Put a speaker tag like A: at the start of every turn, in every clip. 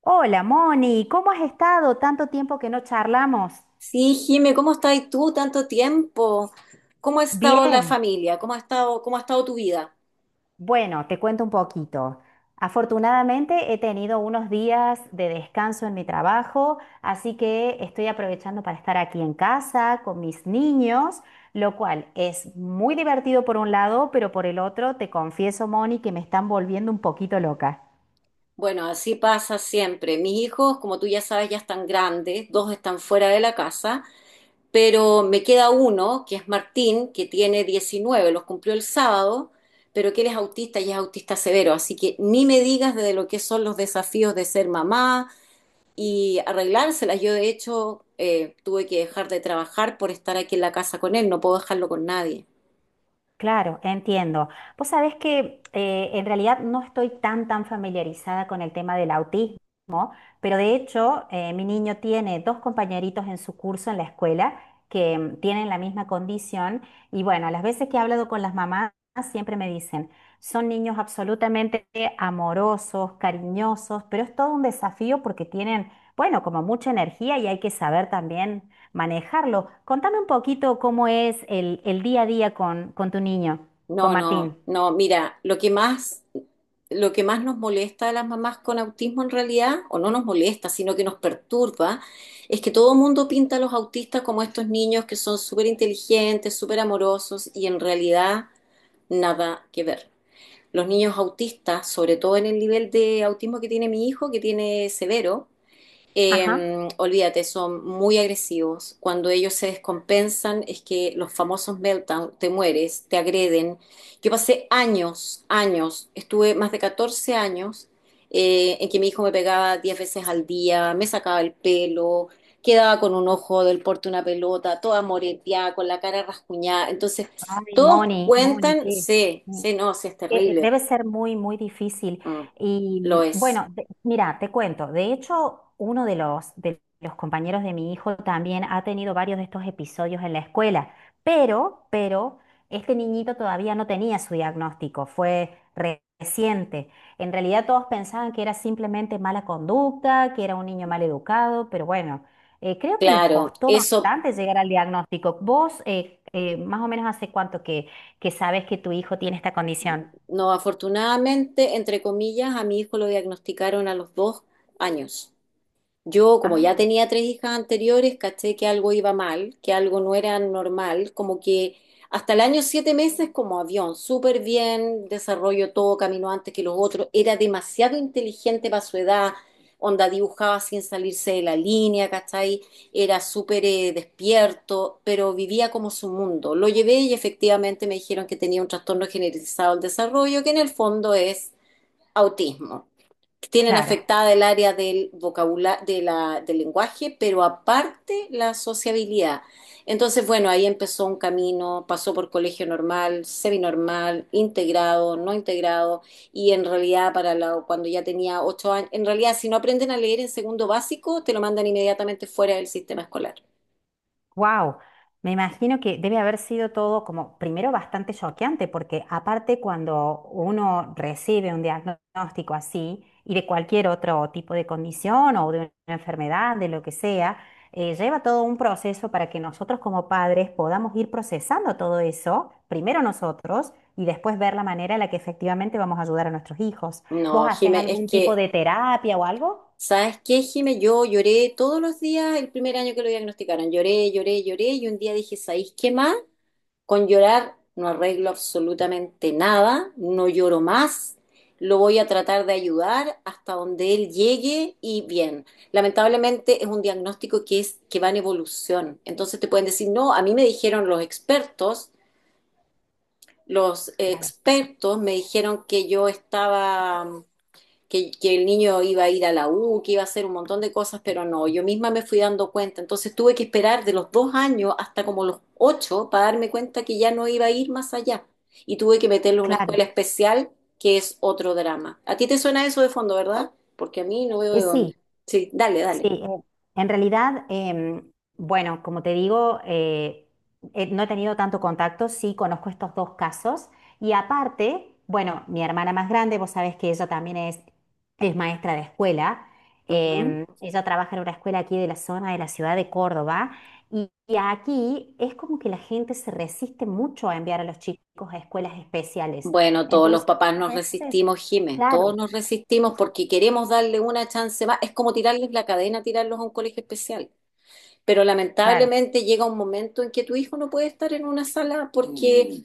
A: Hola, Moni, ¿cómo has estado? Tanto tiempo que no charlamos.
B: Sí, Jime, ¿cómo estás tú tanto tiempo? ¿Cómo ha estado la
A: Bien.
B: familia? ¿Cómo ha estado tu vida?
A: Bueno, te cuento un poquito. Afortunadamente he tenido unos días de descanso en mi trabajo, así que estoy aprovechando para estar aquí en casa con mis niños, lo cual es muy divertido por un lado, pero por el otro, te confieso, Moni, que me están volviendo un poquito loca.
B: Bueno, así pasa siempre. Mis hijos, como tú ya sabes, ya están grandes, dos están fuera de la casa, pero me queda uno, que es Martín, que tiene 19, los cumplió el sábado, pero que él es autista y es autista severo, así que ni me digas de lo que son los desafíos de ser mamá y arreglárselas. Yo, de hecho, tuve que dejar de trabajar por estar aquí en la casa con él, no puedo dejarlo con nadie.
A: Claro, entiendo. Vos sabés que en realidad no estoy tan familiarizada con el tema del autismo, pero de hecho mi niño tiene dos compañeritos en su curso en la escuela que tienen la misma condición. Y bueno, las veces que he hablado con las mamás siempre me dicen, son niños absolutamente amorosos, cariñosos, pero es todo un desafío porque tienen, bueno, como mucha energía y hay que saber también manejarlo. Contame un poquito cómo es el día a día con tu niño, con
B: No, no,
A: Martín.
B: no, mira, lo que más nos molesta a las mamás con autismo en realidad, o no nos molesta, sino que nos perturba, es que todo el mundo pinta a los autistas como estos niños que son súper inteligentes, súper amorosos, y en realidad nada que ver. Los niños autistas, sobre todo en el nivel de autismo que tiene mi hijo, que tiene severo,
A: Ajá.
B: olvídate, son muy agresivos. Cuando ellos se descompensan, es que los famosos meltdown, te mueres, te agreden. Yo pasé años, años, estuve más de 14 años en que mi hijo me pegaba 10 veces al día, me sacaba el pelo, quedaba con un ojo del porte de una pelota, toda moreteada, con la cara rascuñada. Entonces,
A: Ay,
B: todos
A: Moni, Moni,
B: cuentan, sí, sí, no, sí, es
A: que
B: terrible.
A: debe ser muy, muy difícil.
B: Mm,
A: Y
B: lo es.
A: bueno, mira, te cuento, de hecho, uno de los compañeros de mi hijo también ha tenido varios de estos episodios en la escuela, pero este niñito todavía no tenía su diagnóstico, fue reciente. En realidad todos pensaban que era simplemente mala conducta, que era un niño mal educado, pero bueno. Creo que les
B: Claro,
A: costó
B: eso
A: bastante llegar al diagnóstico. ¿Vos más o menos hace cuánto que sabes que tu hijo tiene esta condición?
B: no, afortunadamente, entre comillas, a mi hijo lo diagnosticaron a los 2 años. Yo, como ya
A: Ah,
B: tenía tres hijas anteriores, caché que algo iba mal, que algo no era normal, como que hasta el año 7 meses como avión, súper bien, desarrollo todo, caminó antes que los otros, era demasiado inteligente para su edad, onda dibujaba sin salirse de la línea, ¿cachai? Era súper despierto, pero vivía como su mundo. Lo llevé y efectivamente me dijeron que tenía un trastorno generalizado del desarrollo, que en el fondo es autismo, tienen
A: claro.
B: afectada el área del vocabulario, del lenguaje, pero aparte la sociabilidad. Entonces, bueno, ahí empezó un camino, pasó por colegio normal, seminormal, integrado, no integrado, y en realidad cuando ya tenía 8 años, en realidad si no aprenden a leer en segundo básico, te lo mandan inmediatamente fuera del sistema escolar.
A: Wow, me imagino que debe haber sido todo como primero bastante choqueante, porque aparte cuando uno recibe un diagnóstico así y de cualquier otro tipo de condición o de una enfermedad, de lo que sea, lleva todo un proceso para que nosotros como padres podamos ir procesando todo eso, primero nosotros y después ver la manera en la que efectivamente vamos a ayudar a nuestros hijos. ¿Vos
B: No,
A: haces
B: Jime, es
A: algún tipo
B: que,
A: de terapia o algo?
B: ¿sabes qué, Jime? Yo lloré todos los días el primer año que lo diagnosticaron. Lloré, lloré, lloré y un día dije, ¿sabéis qué más? Con llorar no arreglo absolutamente nada, no lloro más, lo voy a tratar de ayudar hasta donde él llegue y bien. Lamentablemente es un diagnóstico que va en evolución. Entonces te pueden decir, "No, a mí me dijeron los expertos, los
A: Claro,
B: expertos me dijeron que yo estaba que el niño iba a ir a la U, que iba a hacer un montón de cosas, pero no, yo misma me fui dando cuenta. Entonces tuve que esperar de los 2 años hasta como los ocho para darme cuenta que ya no iba a ir más allá. Y tuve que meterlo a una
A: claro.
B: escuela especial, que es otro drama. ¿A ti te suena eso de fondo, verdad? Porque a mí no veo de
A: Sí.
B: dónde. Sí, dale,
A: Sí,
B: dale.
A: en realidad, bueno, como te digo, no he tenido tanto contacto, sí conozco estos dos casos y aparte, bueno, mi hermana más grande, vos sabés que ella también es maestra de escuela,
B: Ujú.
A: ella trabaja en una escuela aquí de la zona de la ciudad de Córdoba y aquí es como que la gente se resiste mucho a enviar a los chicos a escuelas especiales.
B: Bueno, todos los
A: Entonces,
B: papás
A: muchas
B: nos
A: veces,
B: resistimos, Jimé,
A: claro,
B: todos nos resistimos porque queremos darle una chance más. Es como tirarles la cadena, tirarlos a un colegio especial, pero
A: claro,
B: lamentablemente llega un momento en que tu hijo no puede estar en una sala, porque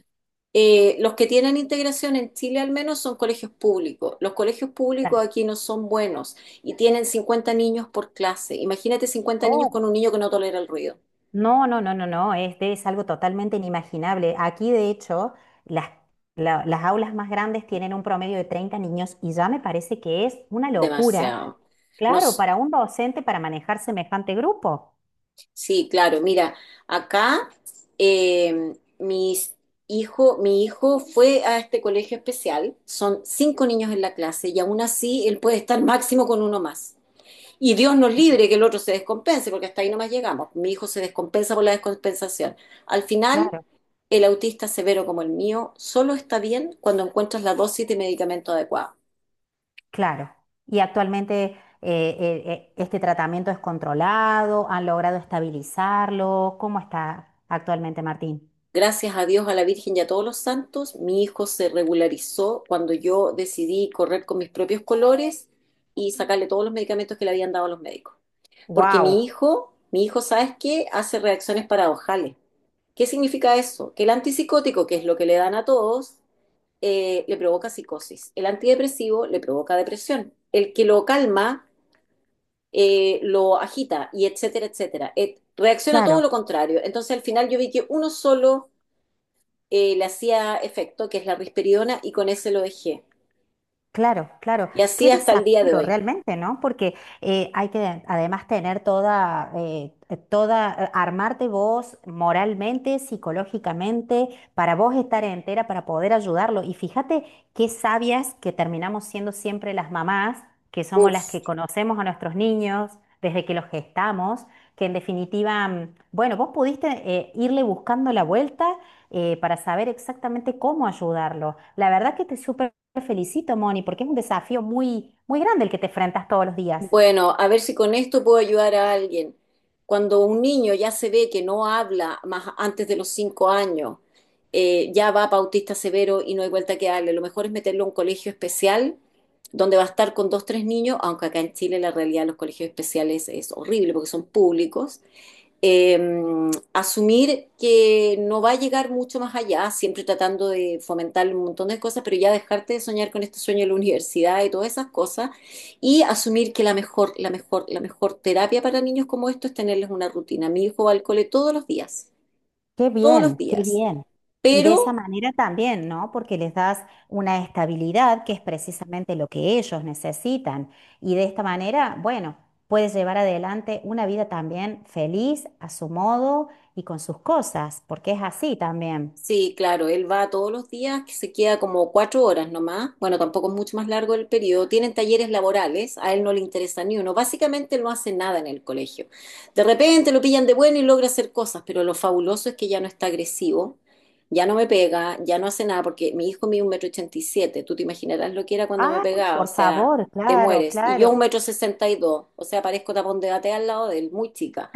B: los que tienen integración en Chile al menos son colegios públicos. Los colegios públicos
A: claro.
B: aquí no son buenos y tienen 50 niños por clase. Imagínate 50 niños con un niño que no tolera el ruido.
A: No, no, no, no, no, es algo totalmente inimaginable. Aquí, de hecho, las, las aulas más grandes tienen un promedio de 30 niños y ya me parece que es una locura,
B: Demasiado.
A: claro,
B: Nos,
A: para un docente para manejar semejante grupo.
B: sí, claro, mira, acá eh, mis mi hijo fue a este colegio especial, son cinco niños en la clase y aún así él puede estar máximo con uno más. Y Dios nos
A: Claro.
B: libre que el otro se descompense, porque hasta ahí nomás llegamos. Mi hijo se descompensa por la descompensación. Al final,
A: Claro,
B: el autista severo como el mío solo está bien cuando encuentras la dosis de medicamento adecuada.
A: claro. Y actualmente este tratamiento es controlado, han logrado estabilizarlo. ¿Cómo está actualmente, Martín?
B: Gracias a Dios, a la Virgen y a todos los santos, mi hijo se regularizó cuando yo decidí correr con mis propios colores y sacarle todos los medicamentos que le habían dado a los médicos. Porque mi
A: Wow,
B: hijo, mi hijo, ¿sabes qué? Hace reacciones paradojales. ¿Qué significa eso? Que el antipsicótico, que es lo que le dan a todos, le provoca psicosis, el antidepresivo le provoca depresión, el que lo calma lo agita y etcétera, etcétera. Reacciona todo
A: claro.
B: lo contrario. Entonces al final yo vi que uno solo le hacía efecto, que es la risperidona, y con ese lo dejé.
A: Claro, claro.
B: Y
A: Qué
B: así hasta el día de
A: desafío
B: hoy.
A: realmente, ¿no? Porque hay que además tener toda, armarte vos moralmente, psicológicamente, para vos estar entera, para poder ayudarlo. Y fíjate qué sabias que terminamos siendo siempre las mamás, que somos las
B: Uf.
A: que conocemos a nuestros niños desde que los gestamos, que en definitiva, mm, bueno, vos pudiste irle buscando la vuelta para saber exactamente cómo ayudarlo. La verdad que te súper te felicito, Moni, porque es un desafío muy, muy grande el que te enfrentas todos los días.
B: Bueno, a ver si con esto puedo ayudar a alguien. Cuando un niño ya se ve que no habla más antes de los 5 años, ya va autista severo y no hay vuelta que darle. Lo mejor es meterlo a un colegio especial donde va a estar con dos, tres niños, aunque acá en Chile la realidad de los colegios especiales es horrible porque son públicos, eh, asumir que no va a llegar mucho más allá, siempre tratando de fomentar un montón de cosas, pero ya dejarte de soñar con este sueño de la universidad y todas esas cosas, y asumir que la mejor, la mejor, la mejor terapia para niños como esto es tenerles una rutina. Mi hijo va al cole todos los días,
A: Qué
B: todos los
A: bien, qué
B: días.
A: bien. Y de esa
B: pero
A: manera también, ¿no? Porque les das una estabilidad que es precisamente lo que ellos necesitan. Y de esta manera, bueno, puedes llevar adelante una vida también feliz a su modo y con sus cosas, porque es así también.
B: Sí, claro, él va todos los días, que se queda como 4 horas nomás. Bueno, tampoco es mucho más largo el periodo. Tienen talleres laborales, a él no le interesa ni uno. Básicamente él no hace nada en el colegio. De repente lo pillan de bueno y logra hacer cosas, pero lo fabuloso es que ya no está agresivo, ya no me pega, ya no hace nada, porque mi hijo mide un metro ochenta y siete. Tú te imaginarás lo que era cuando me
A: Ah,
B: pegaba, o
A: por
B: sea,
A: favor,
B: te
A: claro,
B: mueres. Y yo un
A: claro.
B: metro sesenta y dos, o sea, parezco tapón de gatea al lado de él, muy chica.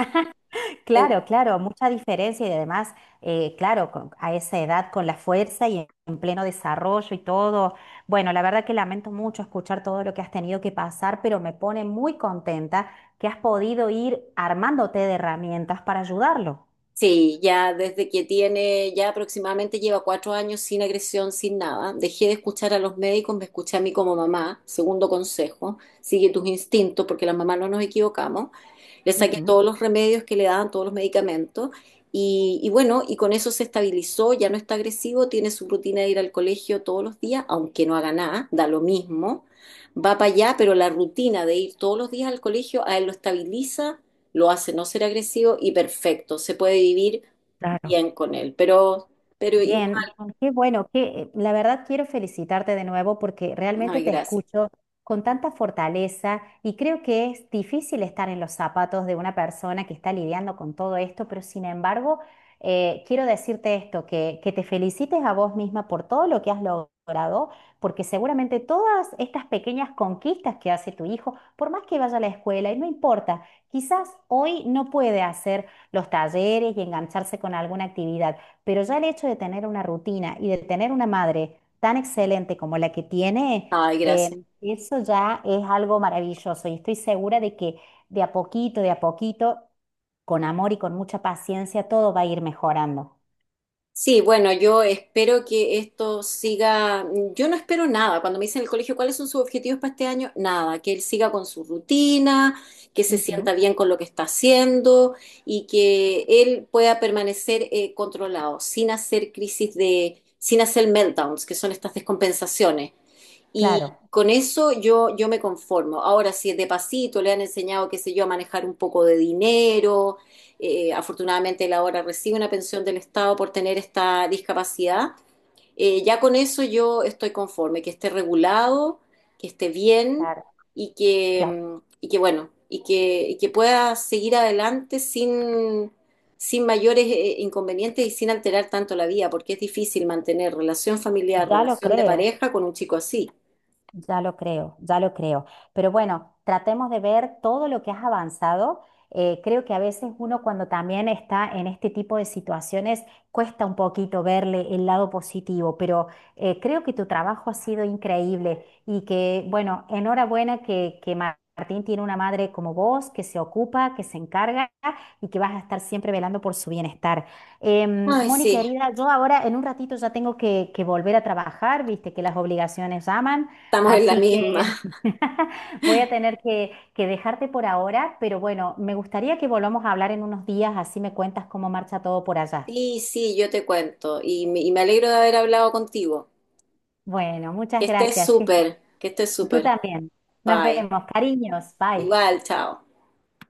A: Claro, claro, mucha diferencia y además, claro, a esa edad con la fuerza y en pleno desarrollo y todo. Bueno, la verdad que lamento mucho escuchar todo lo que has tenido que pasar, pero me pone muy contenta que has podido ir armándote de herramientas para ayudarlo.
B: Sí, ya aproximadamente lleva 4 años sin agresión, sin nada. Dejé de escuchar a los médicos, me escuché a mí como mamá. Segundo consejo, sigue tus instintos porque las mamás no nos equivocamos. Le saqué
A: Ujú.
B: todos los remedios que le daban, todos los medicamentos. Y bueno, y con eso se estabilizó, ya no está agresivo, tiene su rutina de ir al colegio todos los días, aunque no haga nada, da lo mismo. Va para allá, pero la rutina de ir todos los días al colegio a él lo estabiliza, lo hace no ser agresivo y perfecto, se puede vivir
A: Claro.
B: bien con él. Pero igual,
A: Bien, bien, qué bueno, que la verdad quiero felicitarte de nuevo porque realmente
B: ay,
A: te
B: gracias,
A: escucho con tanta fortaleza y creo que es difícil estar en los zapatos de una persona que está lidiando con todo esto, pero sin embargo, quiero decirte esto, que te felicites a vos misma por todo lo que has logrado, porque seguramente todas estas pequeñas conquistas que hace tu hijo, por más que vaya a la escuela, y no importa, quizás hoy no puede hacer los talleres y engancharse con alguna actividad. Pero ya el hecho de tener una rutina y de tener una madre tan excelente como la que tiene,
B: ay, gracias.
A: eso ya es algo maravilloso y estoy segura de que de a poquito, con amor y con mucha paciencia, todo va a ir mejorando.
B: Sí, bueno, yo espero que esto siga, yo no espero nada. Cuando me dicen en el colegio cuáles son sus objetivos para este año, nada, que él siga con su rutina, que se
A: Ujú.
B: sienta bien con lo que está haciendo y que él pueda permanecer controlado, sin hacer meltdowns, que son estas descompensaciones. Y
A: Claro,
B: con eso yo me conformo. Ahora, si de pasito le han enseñado, qué sé yo, a manejar un poco de dinero, afortunadamente él ahora recibe una pensión del Estado por tener esta discapacidad, ya con eso yo estoy conforme, que esté regulado, que esté bien
A: claro,
B: y que,
A: claro.
B: y que bueno, y que pueda seguir adelante sin mayores inconvenientes y sin alterar tanto la vida, porque es difícil mantener relación familiar,
A: Ya lo
B: relación de
A: creo.
B: pareja con un chico así.
A: Ya lo creo, ya lo creo. Pero bueno, tratemos de ver todo lo que has avanzado. Creo que a veces uno cuando también está en este tipo de situaciones cuesta un poquito verle el lado positivo, pero creo que tu trabajo ha sido increíble y que, bueno, enhorabuena que Martín tiene una madre como vos, que se ocupa, que se encarga y que vas a estar siempre velando por su bienestar.
B: Ay,
A: Moni,
B: sí,
A: querida, yo ahora en un ratito ya tengo que volver a trabajar, viste que las obligaciones llaman.
B: estamos en la
A: Así
B: misma.
A: que voy a tener que dejarte por ahora, pero bueno, me gustaría que volvamos a hablar en unos días, así me cuentas cómo marcha todo por allá.
B: Sí, sí, yo te cuento. Y me alegro de haber hablado contigo.
A: Bueno,
B: Que
A: muchas
B: estés
A: gracias. Que estés-
B: súper, que estés
A: Tú
B: súper.
A: también. Nos
B: Bye.
A: vemos. Cariños. Bye.
B: Igual, chao.